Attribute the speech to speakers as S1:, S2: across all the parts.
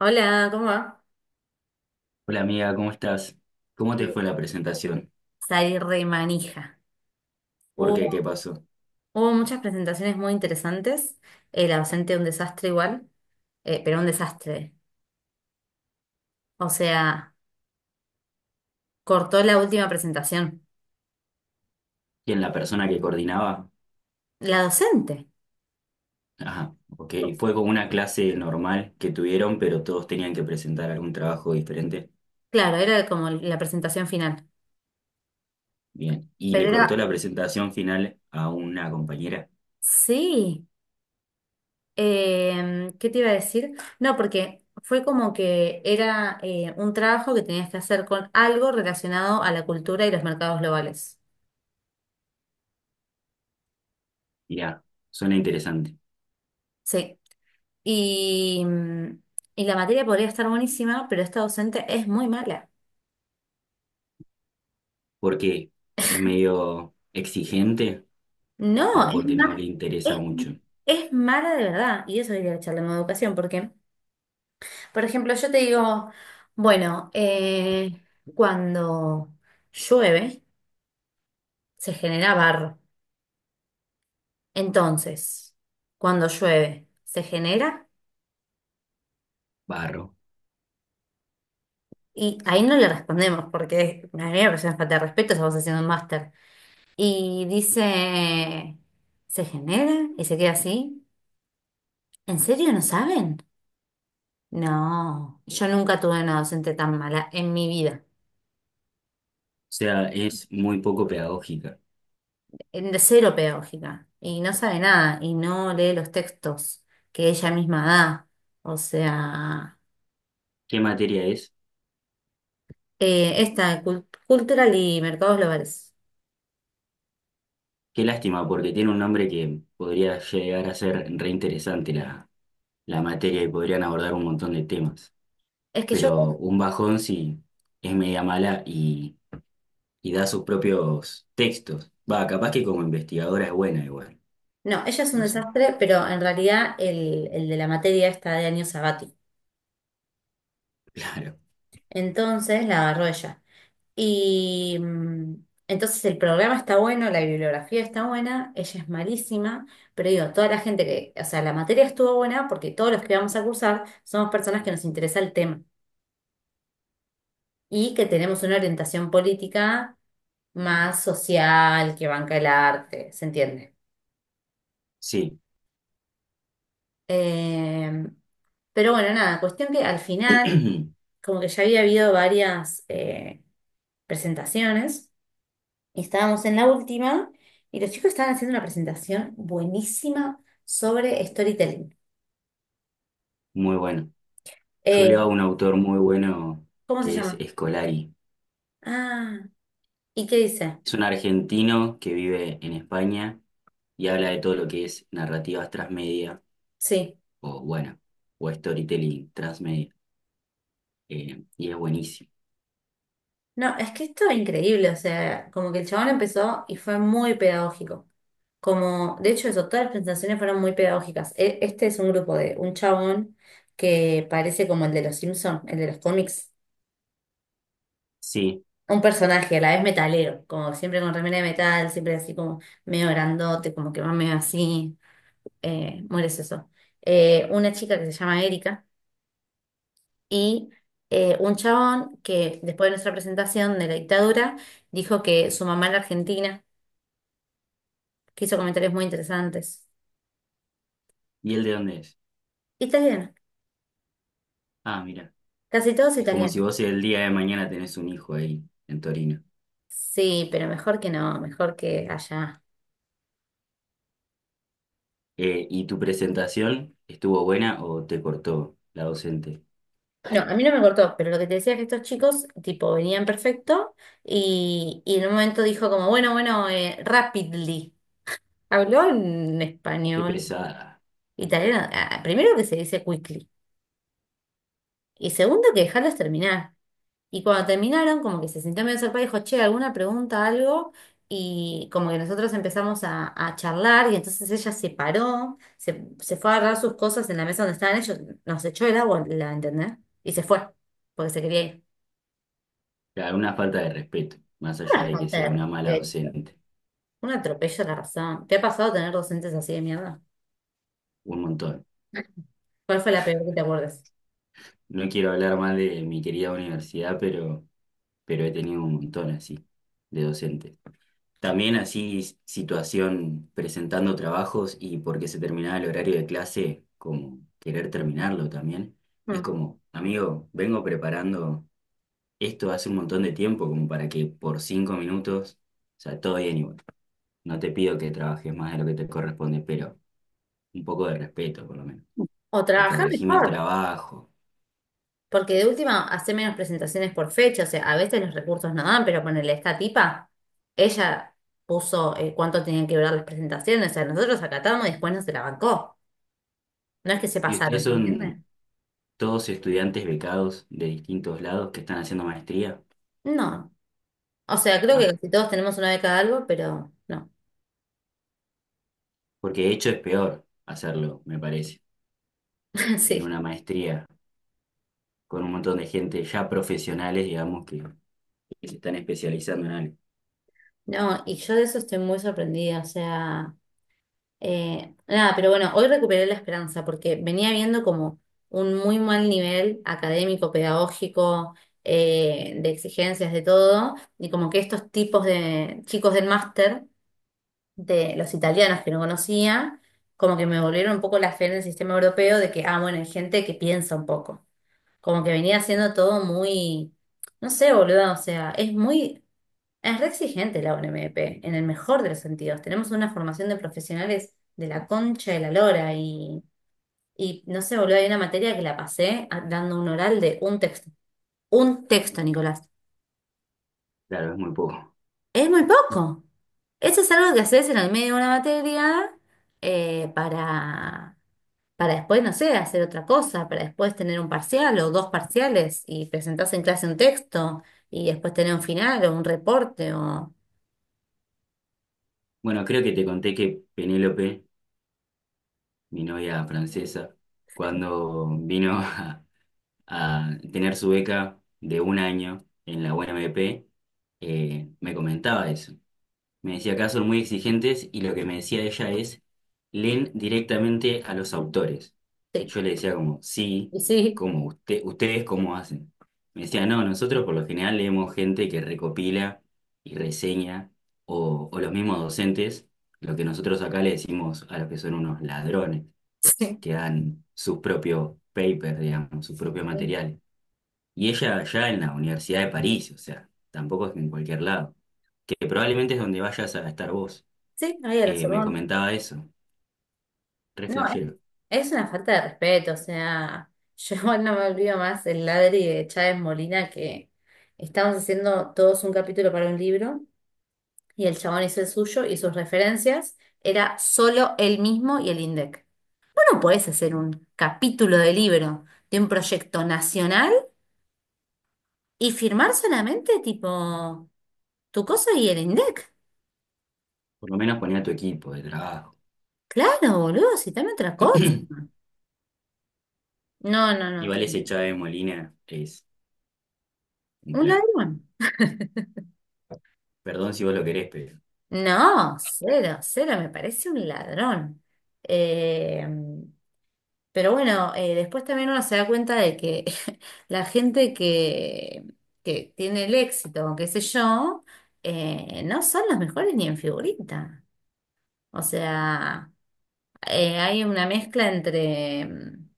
S1: Hola, ¿cómo va?
S2: Hola amiga, ¿cómo estás? ¿Cómo te
S1: Eh,
S2: fue la presentación?
S1: Salí re manija.
S2: ¿Por qué?
S1: Hubo,
S2: ¿Qué pasó?
S1: hubo muchas presentaciones muy interesantes. La docente un desastre igual, pero un desastre. O sea, cortó la última presentación.
S2: ¿Quién la persona que coordinaba?
S1: La docente.
S2: Ajá, ok. Fue como una clase normal que tuvieron, pero todos tenían que presentar algún trabajo diferente.
S1: Claro, era como la presentación final.
S2: Bien. Y le
S1: Pero
S2: cortó
S1: era,
S2: la presentación final a una compañera.
S1: sí. ¿Qué te iba a decir? No, porque fue como que era un trabajo que tenías que hacer con algo relacionado a la cultura y los mercados globales.
S2: Mirá, suena interesante.
S1: Sí. Y, mm, y la materia podría estar buenísima, pero esta docente es muy mala.
S2: ¿Por qué? ¿Es medio exigente o
S1: No,
S2: porque no le interesa
S1: es,
S2: mucho?
S1: es mala de verdad. Y eso diría echarle en educación, porque, por ejemplo, yo te digo, bueno, cuando llueve se genera barro. Entonces, cuando llueve se genera,
S2: Barro. O
S1: y ahí no le respondemos, porque a mí me parece una falta de respeto, estamos haciendo un máster. Y dice, se genera y se queda así. ¿En serio no saben? No, yo nunca tuve una docente tan mala en mi vida,
S2: sea, es muy poco pedagógica.
S1: en de cero pedagógica, y no sabe nada, y no lee los textos que ella misma da. O sea,
S2: ¿Qué materia es?
S1: cultural y mercados globales.
S2: Qué lástima, porque tiene un nombre que podría llegar a ser reinteresante la materia y podrían abordar un montón de temas.
S1: Es que yo,
S2: Pero un bajón sí es media mala y da sus propios textos. Va, capaz que como investigadora es buena igual.
S1: no, ella es un
S2: No sé,
S1: desastre, pero en realidad el de la materia está de año sabático.
S2: claro.
S1: Entonces la agarró ella. Y mm, entonces el programa está bueno, la bibliografía está buena, ella es malísima, pero digo, toda la gente que, o sea, la materia estuvo buena porque todos los que vamos a cursar somos personas que nos interesa el tema y que tenemos una orientación política más social, que banca el arte, ¿se entiende?
S2: Sí,
S1: Eh, pero bueno, nada, cuestión que al final, como que ya había habido varias presentaciones. Estábamos en la última y los chicos estaban haciendo una presentación buenísima sobre storytelling.
S2: muy bueno. Yo leo a
S1: Eh,
S2: un autor muy bueno
S1: ¿Cómo se
S2: que es
S1: llama?
S2: Escolari.
S1: Ah, ¿y qué dice?
S2: Es un argentino que vive en España y habla de todo lo que es narrativas transmedia
S1: Sí.
S2: o bueno, o storytelling transmedia. Y es buenísimo.
S1: No, es que esto es increíble, o sea, como que el chabón empezó y fue muy pedagógico. Como, de hecho, eso, todas las presentaciones fueron muy pedagógicas. Este es un grupo de un chabón que parece como el de los Simpson el de los cómics.
S2: Sí,
S1: Un personaje, a la vez metalero, como siempre con remera de metal, siempre así como medio grandote, como que va medio así. Mueres eso. Una chica que se llama Erika y un chabón que después de nuestra presentación de la dictadura dijo que su mamá era argentina, que hizo comentarios muy interesantes.
S2: ¿y él de dónde es?
S1: Italiana,
S2: Ah, mira,
S1: casi todos
S2: es como si
S1: italianos.
S2: vos el día de mañana tenés un hijo ahí en Torino.
S1: Sí, pero mejor que no, mejor que allá.
S2: ¿Y tu presentación estuvo buena o te cortó la docente?
S1: No, a mí no me cortó, pero lo que te decía es que estos chicos, tipo, venían perfecto y en un momento dijo como, bueno, bueno, rapidly. Habló en
S2: Qué
S1: español,
S2: pesada.
S1: italiano, ah, primero que se dice quickly. Y segundo, que dejarlos terminar. Y cuando terminaron, como que se sintió medio sorpresa y dijo, che, ¿alguna pregunta, algo? Y como que nosotros empezamos a charlar y entonces ella se paró, se fue a agarrar sus cosas en la mesa donde estaban ellos, nos echó el agua, la entendés, y se fue, porque se quería ir.
S2: Claro, una falta de respeto, más allá
S1: Una
S2: de que
S1: falta de
S2: sea una mala
S1: respeto,
S2: docente.
S1: un atropello a la razón. ¿Te ha pasado tener docentes así de mierda?
S2: Un montón.
S1: ¿Cuál fue la peor que te acuerdas?
S2: No quiero hablar mal de mi querida universidad, pero he tenido un montón así de docentes. También así situación presentando trabajos y porque se terminaba el horario de clase, como querer terminarlo también. Y es
S1: Mm.
S2: como, amigo, vengo preparando esto hace un montón de tiempo, como para que por cinco minutos, o sea, todo bien igual. No te pido que trabajes más de lo que te corresponde, pero un poco de respeto por lo menos.
S1: O
S2: O
S1: trabajar
S2: corregime el
S1: mejor.
S2: trabajo.
S1: Porque de última, hace menos presentaciones por fecha, o sea, a veces los recursos no dan, pero ponele esta tipa, ella puso cuánto tenían que durar las presentaciones, o sea, nosotros acatamos y después no se la bancó. No es que se
S2: ¿Y
S1: pasaron,
S2: ustedes
S1: ¿se
S2: son
S1: entiende?
S2: todos estudiantes becados de distintos lados que están haciendo maestría?
S1: No. O sea, creo que
S2: Ah,
S1: casi todos tenemos una beca de algo, pero no.
S2: porque de hecho es peor hacerlo, me parece. En
S1: Sí.
S2: una maestría con un montón de gente ya profesionales, digamos, que se están especializando en algo.
S1: No, y yo de eso estoy muy sorprendida, o sea. Nada, pero bueno, hoy recuperé la esperanza porque venía viendo como un muy mal nivel académico, pedagógico, de exigencias, de todo, y como que estos tipos de chicos del máster, de los italianos que no conocía, como que me volvieron un poco la fe en el sistema europeo de que, ah, bueno, hay gente que piensa un poco, como que venía siendo todo muy, no sé, boludo, o sea, es muy... Es re exigente la UNMP, en el mejor de los sentidos. Tenemos una formación de profesionales de la concha de la lora y no sé, boludo, hay una materia que la pasé dando un oral de un texto. Un texto, Nicolás.
S2: Claro, es muy poco.
S1: Es muy poco. Eso es algo que haces en el medio de una materia eh, para, para después, no sé, hacer otra cosa, para después tener un parcial o dos parciales y presentarse en clase un texto y después tener un final o un reporte o...
S2: Bueno, creo que te conté que Penélope, mi novia francesa, cuando vino a tener su beca de 1 año en la UNMP, me comentaba eso. Me decía acá son muy exigentes y lo que me decía ella es, leen directamente a los autores. Y
S1: Sí,
S2: yo le decía como sí,
S1: y sí,
S2: como usted, ustedes cómo hacen. Me decía no, nosotros por lo general leemos gente que recopila y reseña, o los mismos docentes, lo que nosotros acá le decimos a los que son unos ladrones, que dan sus propios papers, digamos, sus propios
S1: sí.
S2: materiales. Y ella allá en la Universidad de París, o sea, tampoco es que en cualquier lado, que probablemente es donde vayas a estar vos,
S1: Sí, ahí a la
S2: me
S1: Sorbona.
S2: comentaba eso, re
S1: No,
S2: flashero.
S1: es una falta de respeto, o sea, yo igual no me olvido más el ladri de Chávez Molina que estábamos haciendo todos un capítulo para un libro y el chabón hizo el suyo y sus referencias era solo él mismo y el INDEC. Vos no podés hacer un capítulo de libro de un proyecto nacional y firmar solamente tipo tu cosa y el INDEC.
S2: Por lo menos ponía tu equipo de trabajo.
S1: Claro, boludo, citame otra cosa. No, no, no,
S2: Igual ese
S1: tremendo.
S2: Chávez Molina es un
S1: Un
S2: plan.
S1: ladrón.
S2: Perdón si vos lo querés, pero
S1: No, cero, cero, me parece un ladrón. Eh, pero bueno, después también uno se da cuenta de que la gente que tiene el éxito, o qué sé yo, no son los mejores ni en figurita. O sea, hay una mezcla entre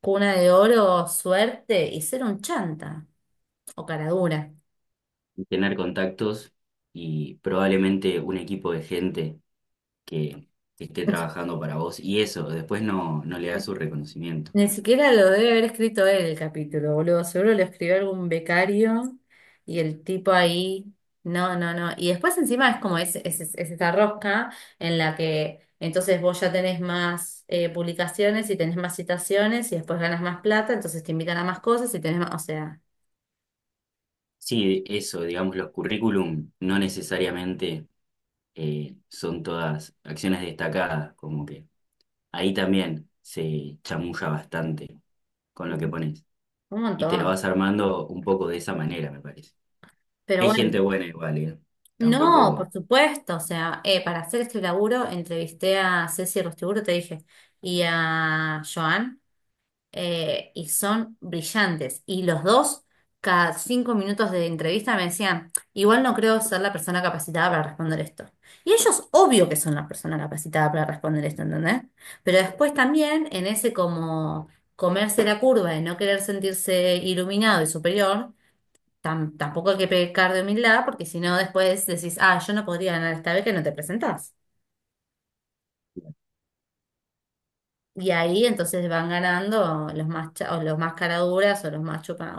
S1: cuna de oro, suerte y ser un chanta o cara dura.
S2: tener contactos y probablemente un equipo de gente que esté trabajando para vos y eso, después no le da su reconocimiento.
S1: Ni siquiera lo debe haber escrito él el capítulo, boludo. Seguro lo escribió algún becario y el tipo ahí. No, no, no. Y después encima es como es esta rosca en la que entonces vos ya tenés más publicaciones y tenés más citaciones y después ganas más plata, entonces te invitan a más cosas y tenés más, o sea,
S2: Sí, eso, digamos, los currículum no necesariamente son todas acciones destacadas, como que ahí también se chamulla bastante con lo que
S1: un
S2: pones. Y te lo
S1: montón.
S2: vas armando un poco de esa manera, me parece.
S1: Pero
S2: Hay gente
S1: bueno,
S2: buena igual, ¿eh?
S1: no,
S2: Tampoco...
S1: por supuesto. O sea, para hacer este laburo entrevisté a Ceci Rostiburo, te dije, y a Joan. Y son brillantes. Y los dos, cada 5 minutos de entrevista me decían, igual no creo ser la persona capacitada para responder esto. Y ellos, obvio que son la persona capacitada para responder esto, ¿entendés? Pero después también en ese como comerse la curva de no querer sentirse iluminado y superior, tampoco hay que pecar de humildad, porque si no después decís, ah, yo no podría ganar esta vez que no te presentás. Y ahí entonces van ganando los más, o los más caraduras o los más chupa,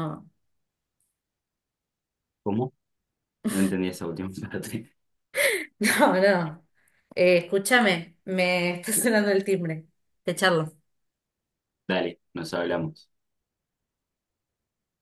S2: ¿Cómo? No entendí esa última parte.
S1: No, no. Escúchame, me está sonando el timbre. Te charlo.
S2: Dale, nos hablamos.